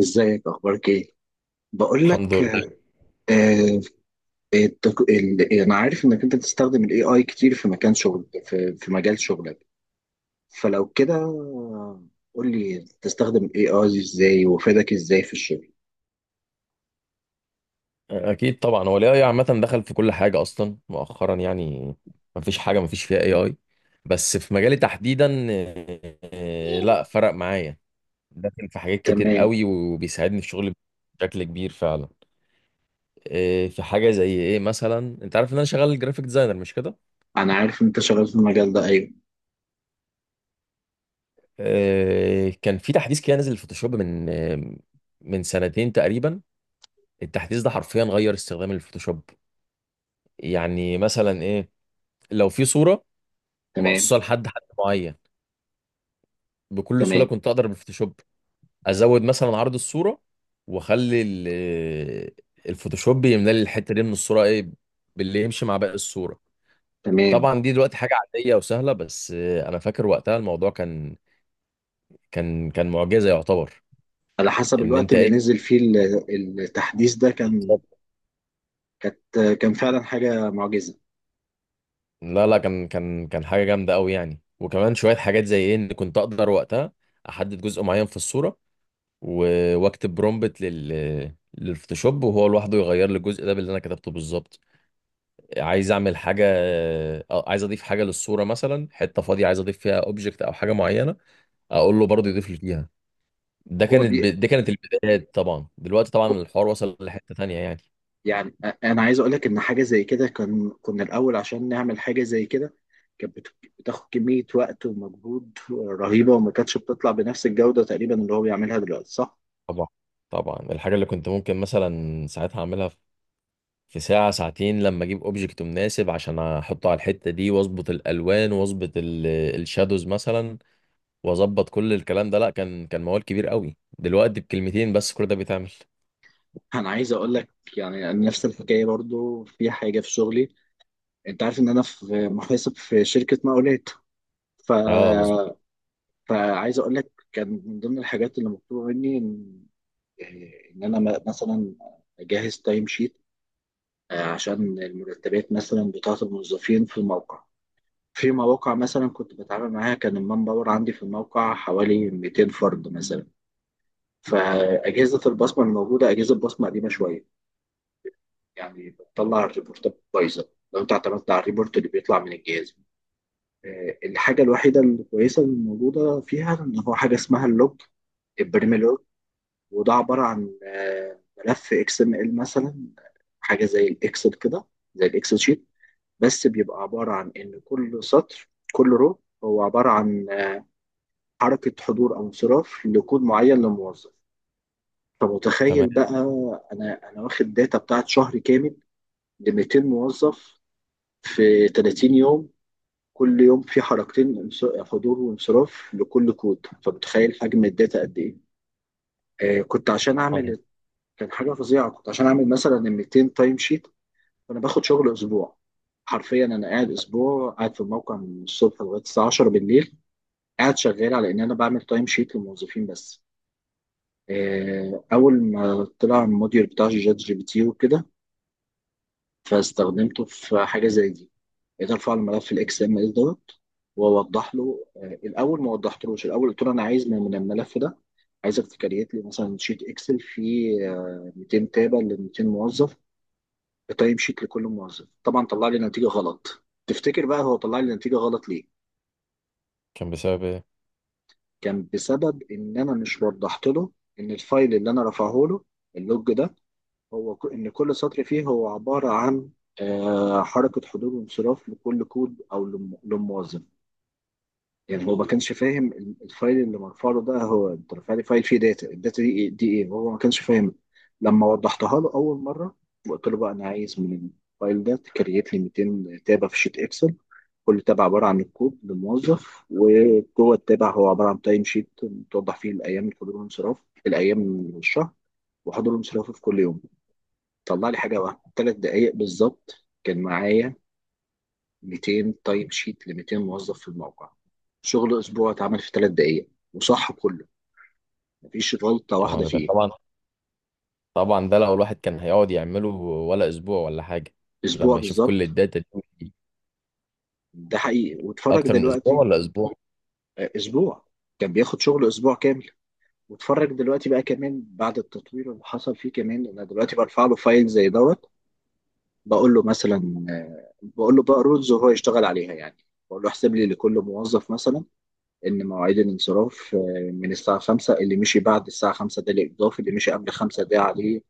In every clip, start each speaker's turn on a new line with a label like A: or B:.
A: ازيك؟ اخبارك ايه؟ بقول
B: الحمد
A: لك
B: لله.
A: آه، يعني انا عارف انك انت بتستخدم الاي اي كتير في مكان شغل، في مجال شغلك. فلو كده، قول لي تستخدم الاي اي ازاي وفادك ازاي في الشغل.
B: اكيد طبعا، هو الاي اي عامه دخل في كل حاجه اصلا مؤخرا يعني. ما فيش فيها اي اي، بس في مجالي تحديدا. آه، لا فرق معايا. داخل في حاجات كتير
A: تمام.
B: قوي وبيساعدني في شغلي بشكل كبير فعلا. في حاجه زي ايه مثلا؟ انت عارف ان انا شغال جرافيك ديزاينر مش كده؟
A: انا عارف ان انت شغال في المجال ده، ايوه.
B: كان في تحديث كده نزل الفوتوشوب من من سنتين تقريبا. التحديث ده حرفيا غير استخدام الفوتوشوب. يعني مثلا ايه؟ لو في صوره
A: تمام،
B: مقصوصه لحد حد معين، بكل سهوله
A: تمام،
B: كنت اقدر بالفوتوشوب ازود مثلا عرض الصوره، واخلي الفوتوشوب يملى لي الحته دي من الصوره ايه، باللي يمشي مع باقي الصوره.
A: تمام.
B: طبعا دي دلوقتي حاجه عاديه وسهله، بس انا فاكر وقتها الموضوع كان كان معجزه يعتبر.
A: على حسب
B: ان
A: الوقت
B: انت
A: اللي
B: ايه
A: نزل فيه التحديث ده،
B: بالظبط.
A: كانت كان فعلا حاجة معجزة.
B: لا لا، كان حاجه جامده قوي يعني. وكمان شويه حاجات زي ايه، ان كنت اقدر وقتها احدد جزء معين في الصوره، واكتب برومبت للفوتوشوب، وهو لوحده يغير لي الجزء ده باللي انا كتبته بالظبط. عايز اعمل حاجه، عايز اضيف حاجه للصوره مثلا، حته فاضيه عايز اضيف فيها اوبجكت او حاجه معينه، اقول له برضه يضيف لي فيها.
A: هو بي...
B: دي كانت البدايات. طبعا دلوقتي طبعا الحوار وصل لحته تانية يعني.
A: يعني، انا عايز اقول لك ان حاجه زي كده، كنا الاول عشان نعمل حاجه زي كده، كانت بتاخد كميه وقت ومجهود رهيبه، وما كانتش بتطلع بنفس الجوده تقريبا اللي هو بيعملها دلوقتي، صح.
B: طبعا طبعا الحاجه اللي كنت ممكن مثلا ساعتها اعملها في ساعه ساعتين، لما اجيب اوبجكت مناسب عشان احطه على الحته دي، واظبط الالوان، واظبط الشادوز مثلا، واظبط كل الكلام ده. لا، كان موال كبير قوي. دلوقتي بكلمتين بس كل ده بيتعمل.
A: انا عايز اقول لك، يعني نفس الحكايه برضو في حاجه في شغلي. انت عارف ان انا في محاسب في شركه مقاولات. ف
B: اه مظبوط.
A: فعايز اقول لك، كان من ضمن الحاجات اللي مطلوبه مني ان انا مثلا اجهز تايم شيت عشان المرتبات، مثلا، بتاعه الموظفين في الموقع. في مواقع مثلا كنت بتعامل معاها، كان المان باور عندي في الموقع حوالي 200 فرد مثلا. فأجهزة البصمة الموجودة، أجهزة البصمة قديمة شوية، يعني بتطلع الريبورتات بايظة لو أنت اعتمدت على الريبورت اللي بيطلع من الجهاز. الحاجة الوحيدة الكويسة الموجودة فيها إن هو حاجة اسمها اللوج، البريمي لوج. وده عبارة عن ملف اكس ام ال مثلا، حاجة زي الإكسل كده، زي الإكسل شيت. بس بيبقى عبارة عن إن كل سطر، كل رو، هو عبارة عن حركة حضور أو انصراف لكود معين لموظف. طب متخيل
B: تمام.
A: بقى، أنا واخد داتا بتاعت شهر كامل ل 200 موظف في 30 يوم، كل يوم في حركتين، حضور وانصراف لكل كود. فمتخيل حجم الداتا قد إيه؟ آه كنت عشان أعمل كان حاجة فظيعة، كنت عشان أعمل مثلا 200 تايم شيت. فأنا باخد شغل أسبوع. حرفيا أنا قاعد أسبوع، قاعد في الموقع من الصبح لغاية الساعة 10 بالليل، قاعد شغال على إن أنا بعمل تايم شيت للموظفين بس. اول ما طلع الموديول بتاع شات جي بي تي وكده، فاستخدمته في حاجه زي دي. قدرت ارفع الملف الاكس ام اس دوت، واوضح له. الاول ما وضحتلوش، الاول قلت له انا عايز من الملف ده عايزك تكريت لي مثلا شيت اكسل فيه 200 تابه ل 200 موظف، بتايم شيت لكل موظف. طبعا طلع لي نتيجه غلط. تفتكر بقى هو طلع لي نتيجه غلط ليه؟
B: كان بسبب ايه؟
A: كان بسبب ان انا مش وضحت له ان الفايل اللي انا رفعه له، اللوج ده، هو إن كل سطر فيه هو عبارة عن حركة حضور وانصراف لكل كود أو لموظف. يعني هو ما كانش فاهم الفايل اللي مرفع له ده. هو أنت رافع لي فايل فيه داتا، الداتا دي إيه، دي إيه، هو ما كانش فاهم. لما وضحتها له أول مرة، وقلت له بقى أنا عايز من الفايل ده تكريت لي 200 تابة في شيت إكسل، كل تابع عبارة عن الكود للموظف، وجوه التابع هو عبارة عن تايم شيت توضح فيه الأيام، الحضور والانصراف، الأيام من الشهر، وحضور وانصرافه في كل يوم. طلع لي حاجه واحده، 3 دقائق بالظبط، كان معايا 200 تايم شيت ل 200 موظف في الموقع. شغل اسبوع اتعمل في 3 دقائق، وصح كله، مفيش غلطه
B: يعني
A: واحده
B: أنا
A: فيه.
B: طبعا ده لو الواحد كان هيقعد يعمله، ولا اسبوع ولا حاجه.
A: اسبوع
B: لما يشوف كل
A: بالظبط.
B: الداتا دي.
A: ده حقيقي، واتفرج
B: اكتر من اسبوع
A: دلوقتي.
B: ولا اسبوع؟
A: اسبوع. كان بياخد شغل اسبوع كامل. واتفرج دلوقتي بقى، كمان بعد التطوير اللي حصل فيه كمان. انا دلوقتي برفع له فايل زي دوت، بقول له بقى رولز وهو يشتغل عليها يعني. بقول له احسب لي لكل موظف مثلا إن مواعيد الانصراف، من الساعة 5، اللي مشي بعد الساعة 5 ده الإضافي، اللي مشي قبل 5 ده عليه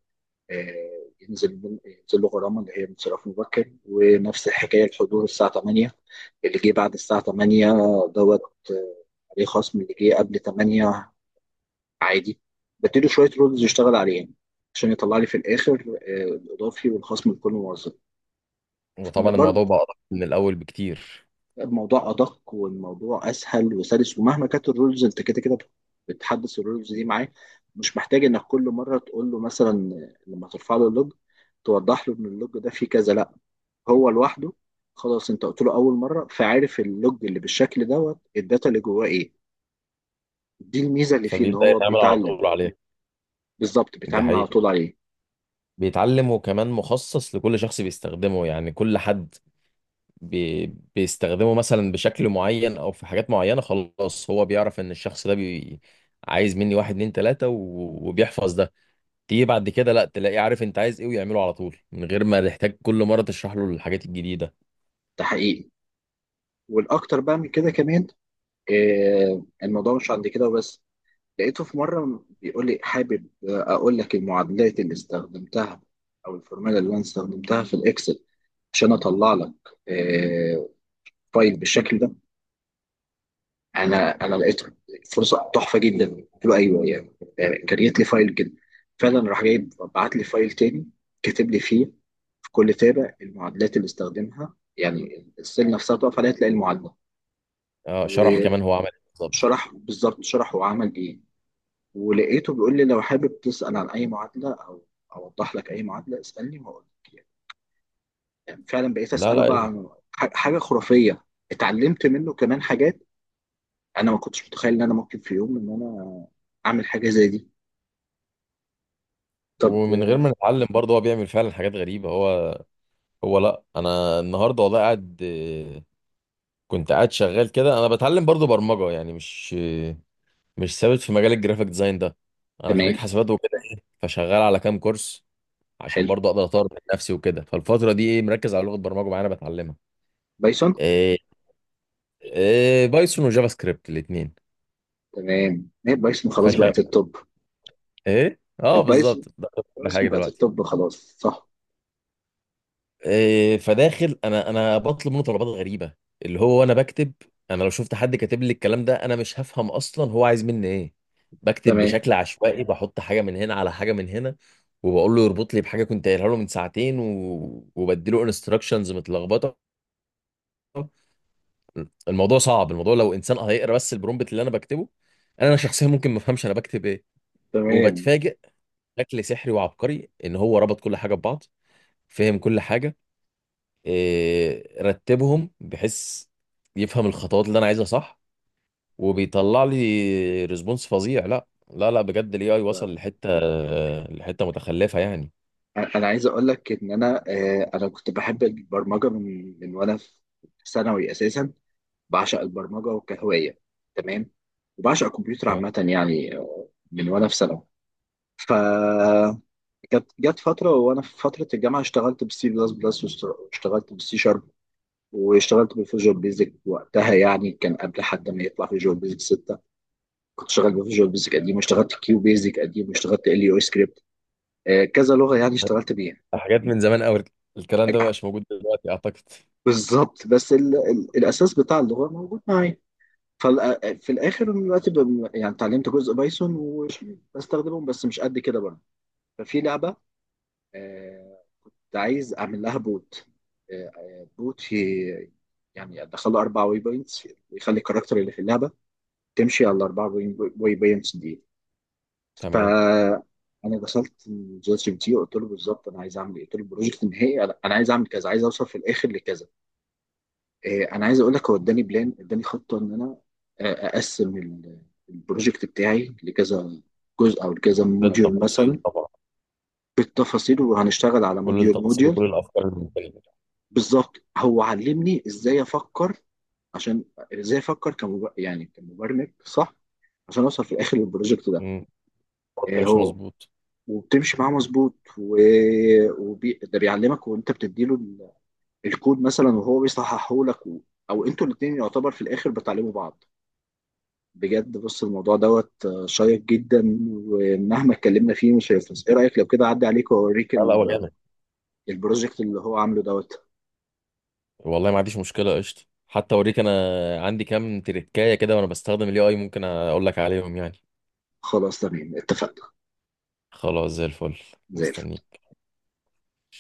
A: ينزل له غرامة، اللي هي انصراف مبكر. ونفس الحكاية الحضور الساعة 8، اللي جه بعد الساعة 8 دوت، آه، عليه خصم، اللي جه قبل 8 عادي. بديله شوية رولز يشتغل عليهم عشان يطلع لي في الآخر الإضافي والخصم لكل موظف.
B: وطبعا الموضوع
A: برضه
B: بقى أدق من الاول بكتير.
A: الموضوع ادق، والموضوع اسهل وسلس، ومهما كانت الرولز انت كده كده بتحدث الرولز دي معاه. مش محتاج انك كل مره تقول له، مثلا لما ترفع له اللوج، توضح له ان اللوج ده فيه كذا. لا، هو لوحده. خلاص، انت قلت له اول مره، فعارف اللوج اللي بالشكل دوت، الداتا اللي جواه ايه. دي الميزه اللي فيه، ان
B: فبيبدا
A: هو
B: يتعمل على
A: بيتعلم.
B: طول عليه.
A: بالظبط،
B: دي
A: بيتعامل على
B: حقيقه.
A: طول عليه.
B: بيتعلم، وكمان مخصص لكل شخص بيستخدمه يعني. كل حد بي... بيستخدمه مثلا بشكل معين او في حاجات معينة. خلاص هو بيعرف ان الشخص ده عايز مني واحد اتنين تلاتة وبيحفظ ده. تيجي بعد كده لا تلاقيه عارف انت عايز ايه، ويعمله على طول من غير ما تحتاج كل مرة تشرح له الحاجات الجديدة.
A: ده حقيقي. والاكتر بقى من كده كمان، الموضوع مش عند كده وبس. لقيته في مرة بيقول لي حابب أقول لك المعادلات اللي استخدمتها، أو الفورمولا اللي أنا استخدمتها في الإكسل، عشان أطلع لك آه، فايل بالشكل ده. أنا أنا لقيت فرصة تحفة جدا. قلت له أيوه يعني، كان جات لي فايل كده. فعلا راح جايب، بعت لي فايل تاني، كاتب لي فيه في كل تابع المعادلات اللي استخدمها، يعني السيل نفسها تقف عليها تلاقي المعادلة
B: اه، شرح
A: وشرح.
B: كمان هو عمل ايه بالظبط؟
A: بالظبط، شرح وعمل إيه. ولقيته بيقول لي، لو حابب تسأل عن أي معادلة أو أوضح لك أي معادلة، اسألني وأقول لك يعني. يعني فعلا بقيت
B: لا
A: أسأله بقى
B: لا.
A: عن حاجة خرافية. اتعلمت منه كمان حاجات. أنا ما كنتش متخيل إن أنا ممكن في يوم إن أنا أعمل حاجة زي دي. طب،
B: ومن غير ما نتعلم برضه، هو بيعمل فعلا حاجات غريبة. هو، هو، لا، انا النهارده والله قاعد، كنت قاعد شغال كده. انا بتعلم برضه برمجة يعني، مش مش ثابت في مجال الجرافيك ديزاين ده. انا خريج
A: تمام.
B: حسابات. فشغال على كام كورس عشان
A: حلو.
B: برضه اقدر اطور من نفسي وكده. فالفتره دي ايه، مركز على لغه برمجه معينه بتعلمها.
A: بايثون.
B: إيه؟ إيه، بايثون وجافا سكريبت الاثنين.
A: تمام، هي بايثون خلاص
B: فش
A: بقت التوب.
B: ايه؟ اه
A: البايثون،
B: بالظبط ده. كل
A: بايثون
B: حاجه
A: بقت
B: دلوقتي.
A: التوب خلاص، صح.
B: إيه، فداخل، انا بطلب منه طلبات غريبه، اللي هو انا بكتب. انا لو شفت حد كاتب لي الكلام ده انا مش هفهم اصلا هو عايز مني ايه. بكتب
A: تمام.
B: بشكل عشوائي، بحط حاجه من هنا على حاجه من هنا، وبقول له يربط لي بحاجه كنت قايلها له من ساعتين، وبديله انستراكشنز متلخبطه. الموضوع صعب. الموضوع لو انسان هيقرا بس البرومبت اللي انا بكتبه، انا شخصيا ممكن ما افهمش انا بكتب ايه.
A: تمام.
B: وبتفاجئ بشكل سحري وعبقري ان هو ربط كل حاجه ببعض، فهم كل حاجه، إيه، رتبهم بحيث يفهم الخطوات اللي انا عايزها صح، وبيطلع لي ريسبونس فظيع. لا لا لا، بجد الاي اي
A: ده
B: وصل لحته، لحته متخلفه يعني.
A: أنا عايز أقول لك إن أنا، أنا كنت بحب البرمجة من وأنا في ثانوي أساسا. بعشق البرمجه كهوايه. تمام. وبعشق الكمبيوتر
B: تمام.
A: عامه يعني، من وانا في ثانوي. ف جت فتره وانا في فتره الجامعه، اشتغلت بالسي بلس بلس، واشتغلت بالسي شارب، واشتغلت بالفيجوال بيزك وقتها، يعني كان قبل حد ما يطلع فيجوال بيزك 6. كنت شغال بفيجوال بيزك قديم، واشتغلت كيو بيزك قديم، واشتغلت ال يو سكريبت، كذا لغه يعني اشتغلت بيها.
B: حاجات من زمان قوي. الكلام ده ما بقاش موجود دلوقتي اعتقد.
A: بالظبط، بس ال ال الاساس بتاع اللغه موجود معايا. ففي الاخر، أنا دلوقتي يعني اتعلمت جزء بايثون وبستخدمهم، بس مش قد كده بقى. ففي لعبه، آه، كنت عايز اعمل لها بوت. آه، آه، بوت في يعني ادخل له 4 واي بوينتس يخلي الكاركتر اللي في اللعبه تمشي على الاربع واي بوينتس دي.
B: تمام.
A: ف انا دخلت جي بي تي وقلت له بالظبط انا عايز اعمل ايه. قلت له البروجكت النهائي، أنا عايز اعمل كذا، عايز اوصل في الاخر لكذا. انا عايز اقول لك، هو اداني بلان، اداني خطه ان انا اقسم البروجكت بتاعي لكذا جزء او لكذا
B: كل
A: موديول
B: التفاصيل
A: مثلا.
B: طبعا.
A: بالتفاصيل، وهنشتغل على
B: كل
A: موديول
B: التفاصيل
A: موديول.
B: وكل الافكار الممكنه.
A: بالظبط، هو علمني ازاي افكر، عشان ازاي افكر يعني كمبرمج، صح. عشان اوصل في الاخر للبروجكت ده.
B: خط
A: آه،
B: مش
A: هو
B: مظبوط.
A: وبتمشي معاه مظبوط. ده بيعلمك، وانت بتديله الكود مثلا، وهو بيصححه لك، او انتوا الاثنين يعتبر في الاخر بتعلموا بعض. بجد، بص، الموضوع دوت شيق جدا، ومهما اتكلمنا فيه مش هيخلص. ايه رأيك لو كده اعدي عليك واوريك
B: لا لا، ولا انا.
A: البروجكت اللي هو عامله دوت.
B: والله ما عنديش مشكله، قشطه. حتى اوريك انا، عندي كام تريكايه كده وانا بستخدم الاي اي، ممكن اقول لك عليهم يعني.
A: خلاص، تمام، اتفقنا.
B: خلاص زي الفل.
A: زي الفل.
B: مستنيك.